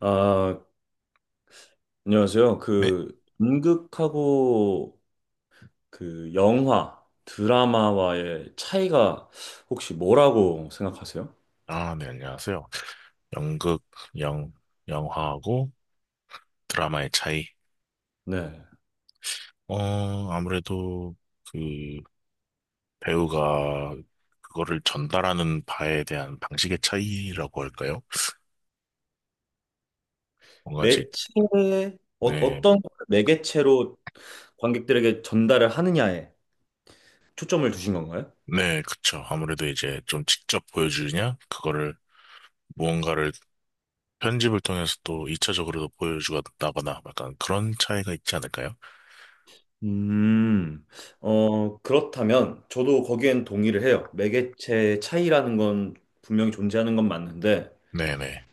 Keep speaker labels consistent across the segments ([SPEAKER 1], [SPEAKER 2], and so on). [SPEAKER 1] 아, 안녕하세요.
[SPEAKER 2] 네.
[SPEAKER 1] 그 연극하고 그 영화, 드라마와의 차이가 혹시 뭐라고 생각하세요?
[SPEAKER 2] 아, 네, 안녕하세요. 연극, 영, 영화하고 드라마의 차이.
[SPEAKER 1] 네.
[SPEAKER 2] 아무래도 그 배우가 그거를 전달하는 바에 대한 방식의 차이라고 할까요? 뭔가.
[SPEAKER 1] 매체, 어,
[SPEAKER 2] 네,
[SPEAKER 1] 어떤 매개체로 관객들에게 전달을 하느냐에 초점을 두신 건가요?
[SPEAKER 2] 네, 그쵸. 아무래도 이제 좀 직접 보여주느냐, 그거를 무언가를 편집을 통해서 또 2차적으로도 보여주다거나 약간 그런 차이가 있지 않을까요?
[SPEAKER 1] 음, 어, 그렇다면 저도 거기엔 동의를 해요. 매개체의 차이라는 건 분명히 존재하는 건 맞는데
[SPEAKER 2] 네네.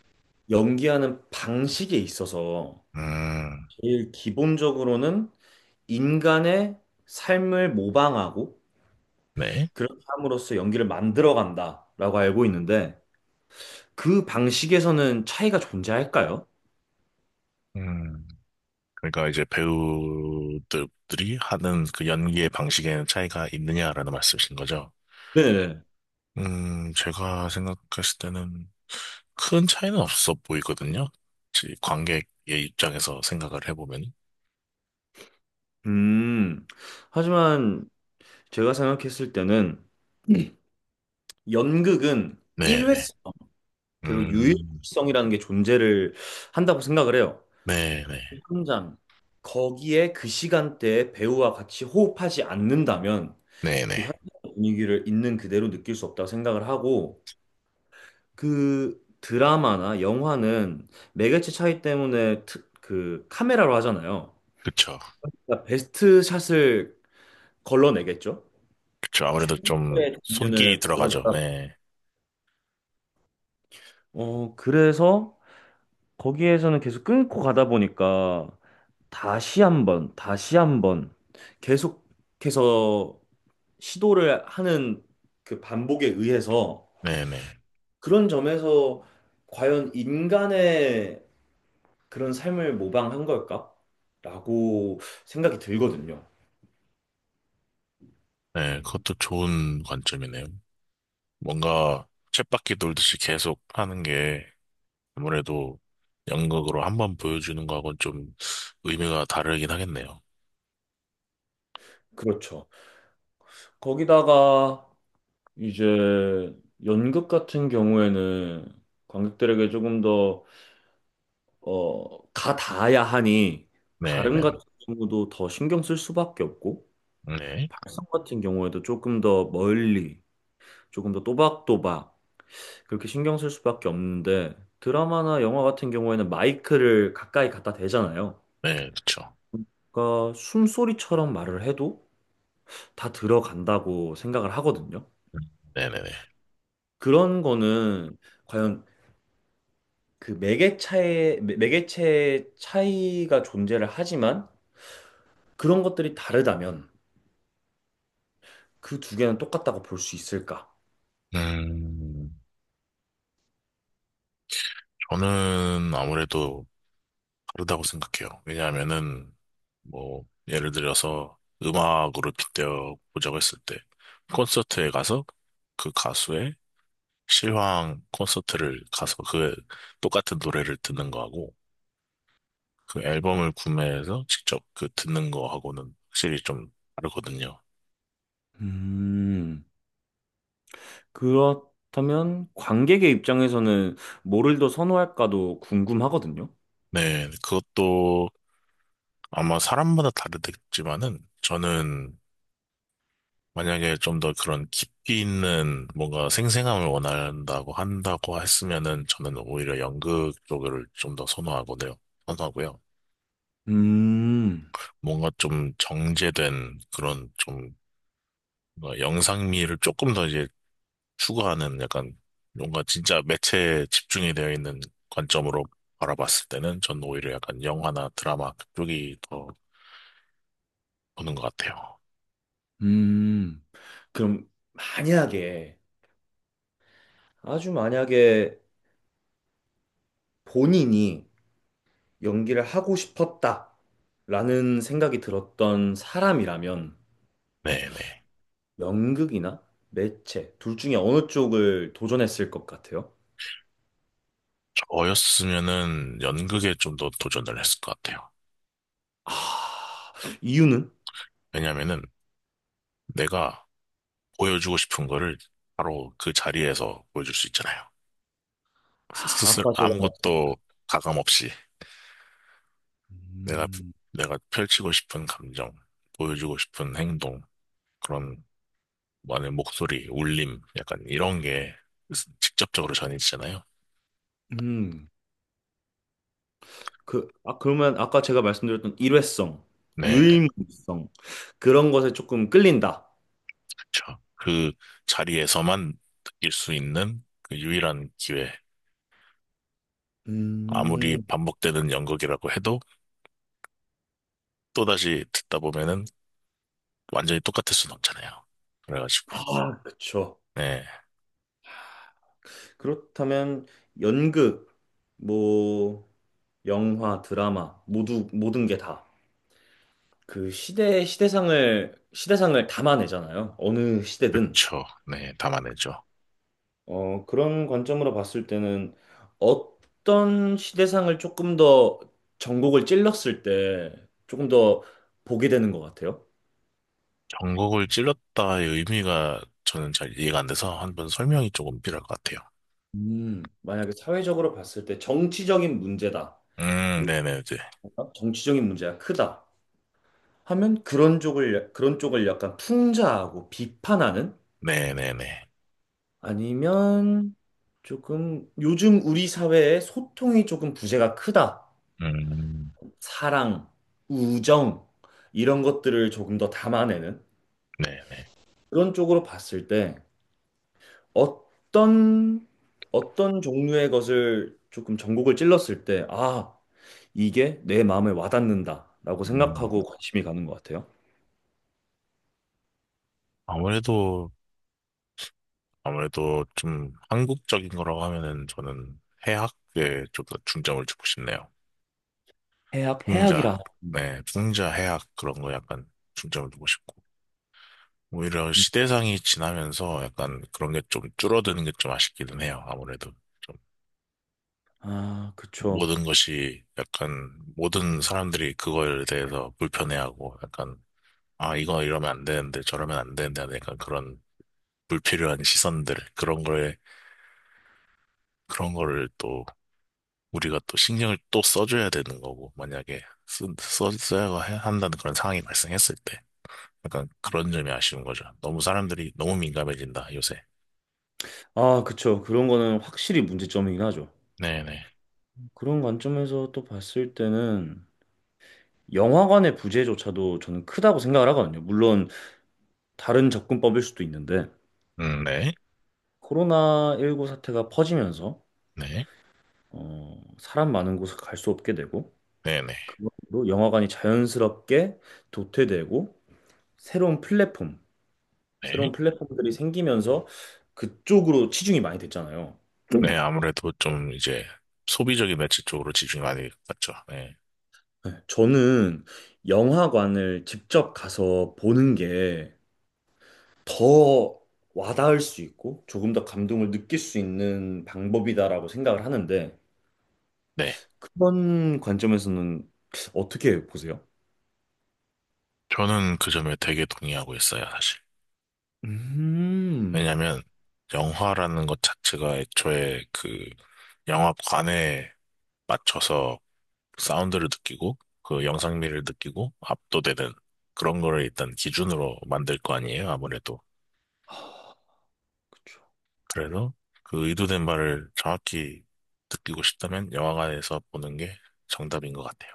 [SPEAKER 1] 연기하는 방식에 있어서
[SPEAKER 2] 음,
[SPEAKER 1] 제일 기본적으로는 인간의 삶을 모방하고
[SPEAKER 2] 네.
[SPEAKER 1] 그렇게 함으로써 연기를 만들어간다라고 알고 있는데 그 방식에서는 차이가 존재할까요?
[SPEAKER 2] 음. 그러니까 이제 배우들이 하는 그 연기의 방식에는 차이가 있느냐라는 말씀이신 거죠.
[SPEAKER 1] 네네.
[SPEAKER 2] 제가 생각했을 때는 큰 차이는 없어 보이거든요. 관객의 입장에서 생각을 해보면.
[SPEAKER 1] 음, 하지만 제가 생각했을 때는 네. 연극은
[SPEAKER 2] 네네.
[SPEAKER 1] 일회성 그리고
[SPEAKER 2] 음,
[SPEAKER 1] 유일성이라는 게 존재를 한다고 생각을 해요.
[SPEAKER 2] 네네.
[SPEAKER 1] 그 현장 거기에 그 시간대에 배우와 같이 호흡하지 않는다면 그
[SPEAKER 2] 네네.
[SPEAKER 1] 현장 분위기를 있는 그대로 느낄 수 없다고 생각을 하고 그 드라마나 영화는 매개체 차이 때문에 그 카메라로 하잖아요.
[SPEAKER 2] 그쵸.
[SPEAKER 1] 그러니까 베스트 샷을 걸러내겠죠?
[SPEAKER 2] 그쵸. 아무래도 좀
[SPEAKER 1] 네.
[SPEAKER 2] 손길이
[SPEAKER 1] 장면을
[SPEAKER 2] 들어가죠.
[SPEAKER 1] 걸러내다.
[SPEAKER 2] 네.
[SPEAKER 1] 어, 그래서 거기에서는 계속 끊고 가다 보니까 다시 한번, 다시 한번 계속해서 시도를 하는 그 반복에 의해서
[SPEAKER 2] 네네.
[SPEAKER 1] 그런 점에서 과연 인간의 그런 삶을 모방한 걸까? 라고 생각이 들거든요.
[SPEAKER 2] 네. 그것도 좋은 관점이네요. 뭔가 쳇바퀴 돌듯이 계속 하는 게 아무래도 연극으로 한 번 보여주는 거하고는 좀 의미가 다르긴 하겠네요.
[SPEAKER 1] 그렇죠. 거기다가 이제 연극 같은 경우에는 관객들에게 조금 더, 어, 가닿아야 하니 발음
[SPEAKER 2] 네네.
[SPEAKER 1] 같은 경우도 더 신경 쓸 수밖에 없고
[SPEAKER 2] 네.
[SPEAKER 1] 발성 같은 경우에도 조금 더 멀리, 조금 더 또박또박 그렇게 신경 쓸 수밖에 없는데 드라마나 영화 같은 경우에는 마이크를 가까이 갖다 대잖아요.
[SPEAKER 2] 네, 그쵸.
[SPEAKER 1] 그러니까 숨소리처럼 말을 해도 다 들어간다고 생각을 하거든요.
[SPEAKER 2] 네네네.
[SPEAKER 1] 그런 거는 과연 그 매개체의 차이가 존재를 하지만 그런 것들이 다르다면 그 두 개는 똑같다고 볼 수 있을까?
[SPEAKER 2] 음, 저는 아무래도 다르다고 생각해요. 왜냐하면은, 뭐, 예를 들어서 음악으로 빗대어 보자고 했을 때, 콘서트에 가서 그 가수의 실황 콘서트를 가서 그 똑같은 노래를 듣는 거하고, 그 앨범을 구매해서 직접 그 듣는 거하고는 확실히 좀 다르거든요.
[SPEAKER 1] 음, 그렇다면 관객의 입장에서는 뭐를 더 선호할까도 궁금하거든요.
[SPEAKER 2] 네, 그것도 아마 사람마다 다르겠지만은 저는 만약에 좀 더 그런 깊이 있는 뭔가 생생함을 원한다고 한다고 했으면은 저는 오히려 연극 쪽을 좀 더 선호하거든요. 선호하고요.
[SPEAKER 1] 음,
[SPEAKER 2] 뭔가 좀 정제된 그런 좀 뭔가 영상미를 조금 더 이제 추구하는 약간 뭔가 진짜 매체에 집중이 되어 있는 관점으로 바라봤을 때는 전 오히려 약간 영화나 드라마 그쪽이 더 보는 것 같아요.
[SPEAKER 1] 음. 그럼 만약에 아주 만약에 본인이 연기를 하고 싶었다라는 생각이 들었던 사람이라면
[SPEAKER 2] 네네.
[SPEAKER 1] 연극이나 매체 둘 중에 어느 쪽을 도전했을 것 같아요?
[SPEAKER 2] 저였으면은 연극에 좀 더 도전을 했을 것 같아요.
[SPEAKER 1] 아, 이유는?
[SPEAKER 2] 왜냐면은 내가 보여주고 싶은 거를 바로 그 자리에서 보여줄 수 있잖아요.
[SPEAKER 1] 아,
[SPEAKER 2] 스스로
[SPEAKER 1] 아까 제가 말씀드렸던
[SPEAKER 2] 아무것도 가감 없이 내가,
[SPEAKER 1] 음,
[SPEAKER 2] 내가 펼치고 싶은 감정, 보여주고 싶은 행동, 그런 많은 목소리, 울림, 약간 이런 게 직접적으로 전해지잖아요.
[SPEAKER 1] 음, 그, 아, 그러면 아까 제가 말씀드렸던 일회성,
[SPEAKER 2] 네, 네,
[SPEAKER 1] 유일무이성 그런 것에 조금 끌린다.
[SPEAKER 2] 그렇죠. 그 자리에서만 느낄 수 있는 그 유일한 기회. 아무리
[SPEAKER 1] 음,
[SPEAKER 2] 반복되는 연극이라고 해도 또다시 듣다 보면은 완전히 똑같을 순 없잖아요. 그래가지고,
[SPEAKER 1] 아, 그쵸.
[SPEAKER 2] 네,
[SPEAKER 1] 그렇다면 연극, 뭐 영화, 드라마 모두 모든 게 다. 그 시대, 시대상을, 시대상을 담아내잖아요. 어느 시대든.
[SPEAKER 2] 그쵸. 네, 담아내죠.
[SPEAKER 1] 어, 그런 관점으로 봤을 때는 어떤 시대상을 조금 더 전곡을 찔렀을 때 조금 더 보게 되는 것 같아요.
[SPEAKER 2] 전곡을 찔렀다의 의미가 저는 잘 이해가 안 돼서 한번 설명이 조금 필요할 것 같아요.
[SPEAKER 1] 만약에 사회적으로 봤을 때 정치적인 문제다. 요-
[SPEAKER 2] 네네, 이제.
[SPEAKER 1] 정치적인 문제가 크다. 하면 그런 쪽을 약간 풍자하고 비판하는
[SPEAKER 2] 네네네.
[SPEAKER 1] 아니면 조금 요즘 우리 사회에 소통이 조금 부재가 크다.
[SPEAKER 2] 음,
[SPEAKER 1] 사랑, 우정 이런 것들을 조금 더 담아내는
[SPEAKER 2] 네네.
[SPEAKER 1] 그런 쪽으로 봤을 때 어떤 어떤 종류의 것을 조금 전곡을 찔렀을 때 아, 이게 내 마음에 와닿는다라고 생각하고 관심이 가는 것 같아요.
[SPEAKER 2] 아무래도, 아무래도 좀 한국적인 거라고 하면은 저는 해학에 좀 더 중점을 주고 싶네요.
[SPEAKER 1] 해악,
[SPEAKER 2] 풍자,
[SPEAKER 1] 해악이라. 음.
[SPEAKER 2] 네, 풍자 해학 그런 거 약간 중점을 두고 싶고. 오히려
[SPEAKER 1] 음.
[SPEAKER 2] 시대상이 지나면서 약간 그런 게 좀 줄어드는 게 좀 아쉽기는 해요. 아무래도 좀
[SPEAKER 1] 아, 그쵸.
[SPEAKER 2] 모든 것이 약간 모든 사람들이 그거에 대해서 불편해하고 약간 아, 이거 이러면 안 되는데 저러면 안 되는데 하는 약간 그런 불필요한 시선들 그런 거에 그런 거를 또 우리가 또 신경을 또 써줘야 되는 거고, 만약에 쓰, 써, 써야 해- 한다는 그런 상황이 발생했을 때. 약간 그런 점이 아쉬운 거죠. 너무 사람들이 너무 민감해진다, 요새.
[SPEAKER 1] 아, 그쵸. 그런 거는 확실히 문제점이긴 하죠.
[SPEAKER 2] 네네.
[SPEAKER 1] 그런 관점에서 또 봤을 때는 영화관의 부재조차도 저는 크다고 생각을 하거든요. 물론 다른 접근법일 수도 있는데
[SPEAKER 2] 네.
[SPEAKER 1] 코로나19 사태가 퍼지면서
[SPEAKER 2] 네.
[SPEAKER 1] 어, 사람 많은 곳을 갈 수 없게 되고
[SPEAKER 2] 네네.
[SPEAKER 1] 그걸로 영화관이 자연스럽게 도태되고 새로운 플랫폼, 새로운
[SPEAKER 2] 네.
[SPEAKER 1] 플랫폼들이 생기면서 그쪽으로 치중이 많이 됐잖아요.
[SPEAKER 2] 네,
[SPEAKER 1] 음.
[SPEAKER 2] 아무래도 좀 이제 소비적인 매체 쪽으로 집중이 많이 갔죠. 네.
[SPEAKER 1] 네, 저는 영화관을 직접 가서 보는 게 더 와닿을 수 있고 조금 더 감동을 느낄 수 있는 방법이다라고 생각을 하는데
[SPEAKER 2] 네.
[SPEAKER 1] 그런 관점에서는 어떻게 보세요?
[SPEAKER 2] 저는 그 점에 되게 동의하고 있어요, 사실.
[SPEAKER 1] 음,
[SPEAKER 2] 왜냐면, 영화라는 것 자체가 애초에 그 영화관에 맞춰서 사운드를 느끼고 그 영상미를 느끼고 압도되는 그런 거를 일단 기준으로 만들 거 아니에요, 아무래도.
[SPEAKER 1] 그쵸.
[SPEAKER 2] 그래서 그 의도된 바를 정확히 느끼고 싶다면 영화관에서 보는 게 정답인 것 같아요.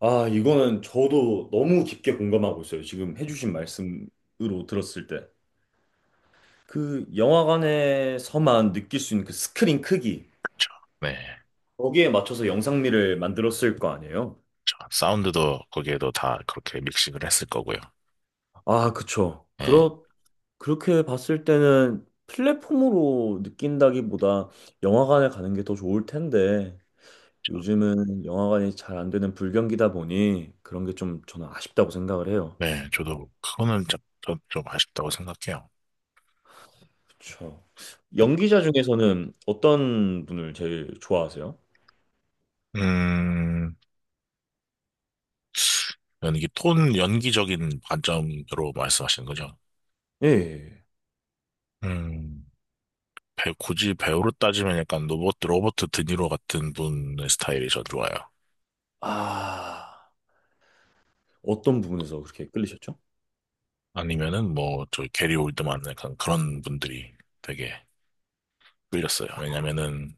[SPEAKER 1] 아, 이거는 저도 너무 깊게 공감하고 있어요. 지금 해주신 말씀으로 들었을 때. 그 영화관에서만 느낄 수 있는 그 스크린 크기,
[SPEAKER 2] 그렇죠. 네.
[SPEAKER 1] 거기에 맞춰서 영상미를 만들었을 거 아니에요?
[SPEAKER 2] 그쵸. 사운드도 거기에도 다 그렇게 믹싱을 했을 거고요.
[SPEAKER 1] 아, 그쵸.
[SPEAKER 2] 네.
[SPEAKER 1] 그렇 그렇게 봤을 때는 플랫폼으로 느낀다기보다 영화관에 가는 게 더 좋을 텐데
[SPEAKER 2] 그쵸.
[SPEAKER 1] 요즘은 영화관이 잘 안 되는 불경기다 보니 그런 게 좀 저는 아쉽다고 생각을 해요.
[SPEAKER 2] 네, 저도 그거는 좀 아쉽다고 생각해요.
[SPEAKER 1] 그렇죠. 연기자 중에서는 어떤 분을 제일 좋아하세요?
[SPEAKER 2] 음, 연기, 톤, 연기적인 관점으로 말씀하시는 거죠?
[SPEAKER 1] 예. 예.
[SPEAKER 2] 음. 굳이 배우로 따지면 약간 로버트 드니로 같은 분의 스타일이 저 좋아요.
[SPEAKER 1] 아, 어떤 부분에서 그렇게 끌리셨죠?
[SPEAKER 2] 아니면은 뭐, 저 게리 올드만 약간 그런 분들이 되게 끌렸어요. 왜냐면은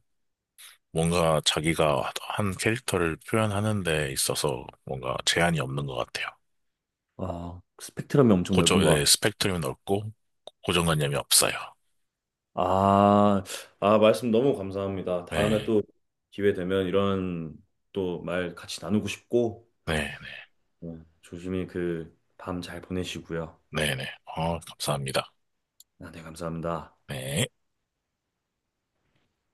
[SPEAKER 2] 뭔가 자기가 한 캐릭터를 표현하는 데 있어서 뭔가 제한이 없는 것 같아요.
[SPEAKER 1] 아, 스펙트럼이 엄청
[SPEAKER 2] 고정,
[SPEAKER 1] 넓은 것
[SPEAKER 2] 네,
[SPEAKER 1] 같아요.
[SPEAKER 2] 스펙트럼이 넓고 고정관념이 없어요.
[SPEAKER 1] 아, 아, 말씀 너무 감사합니다. 다음에
[SPEAKER 2] 네,
[SPEAKER 1] 또 기회 되면 이런 또 말 같이 나누고 싶고
[SPEAKER 2] 네,
[SPEAKER 1] 네, 조심히 그 밤 잘 보내시고요.
[SPEAKER 2] 네, 네, 네. 감사합니다.
[SPEAKER 1] 아, 네, 감사합니다.
[SPEAKER 2] 네.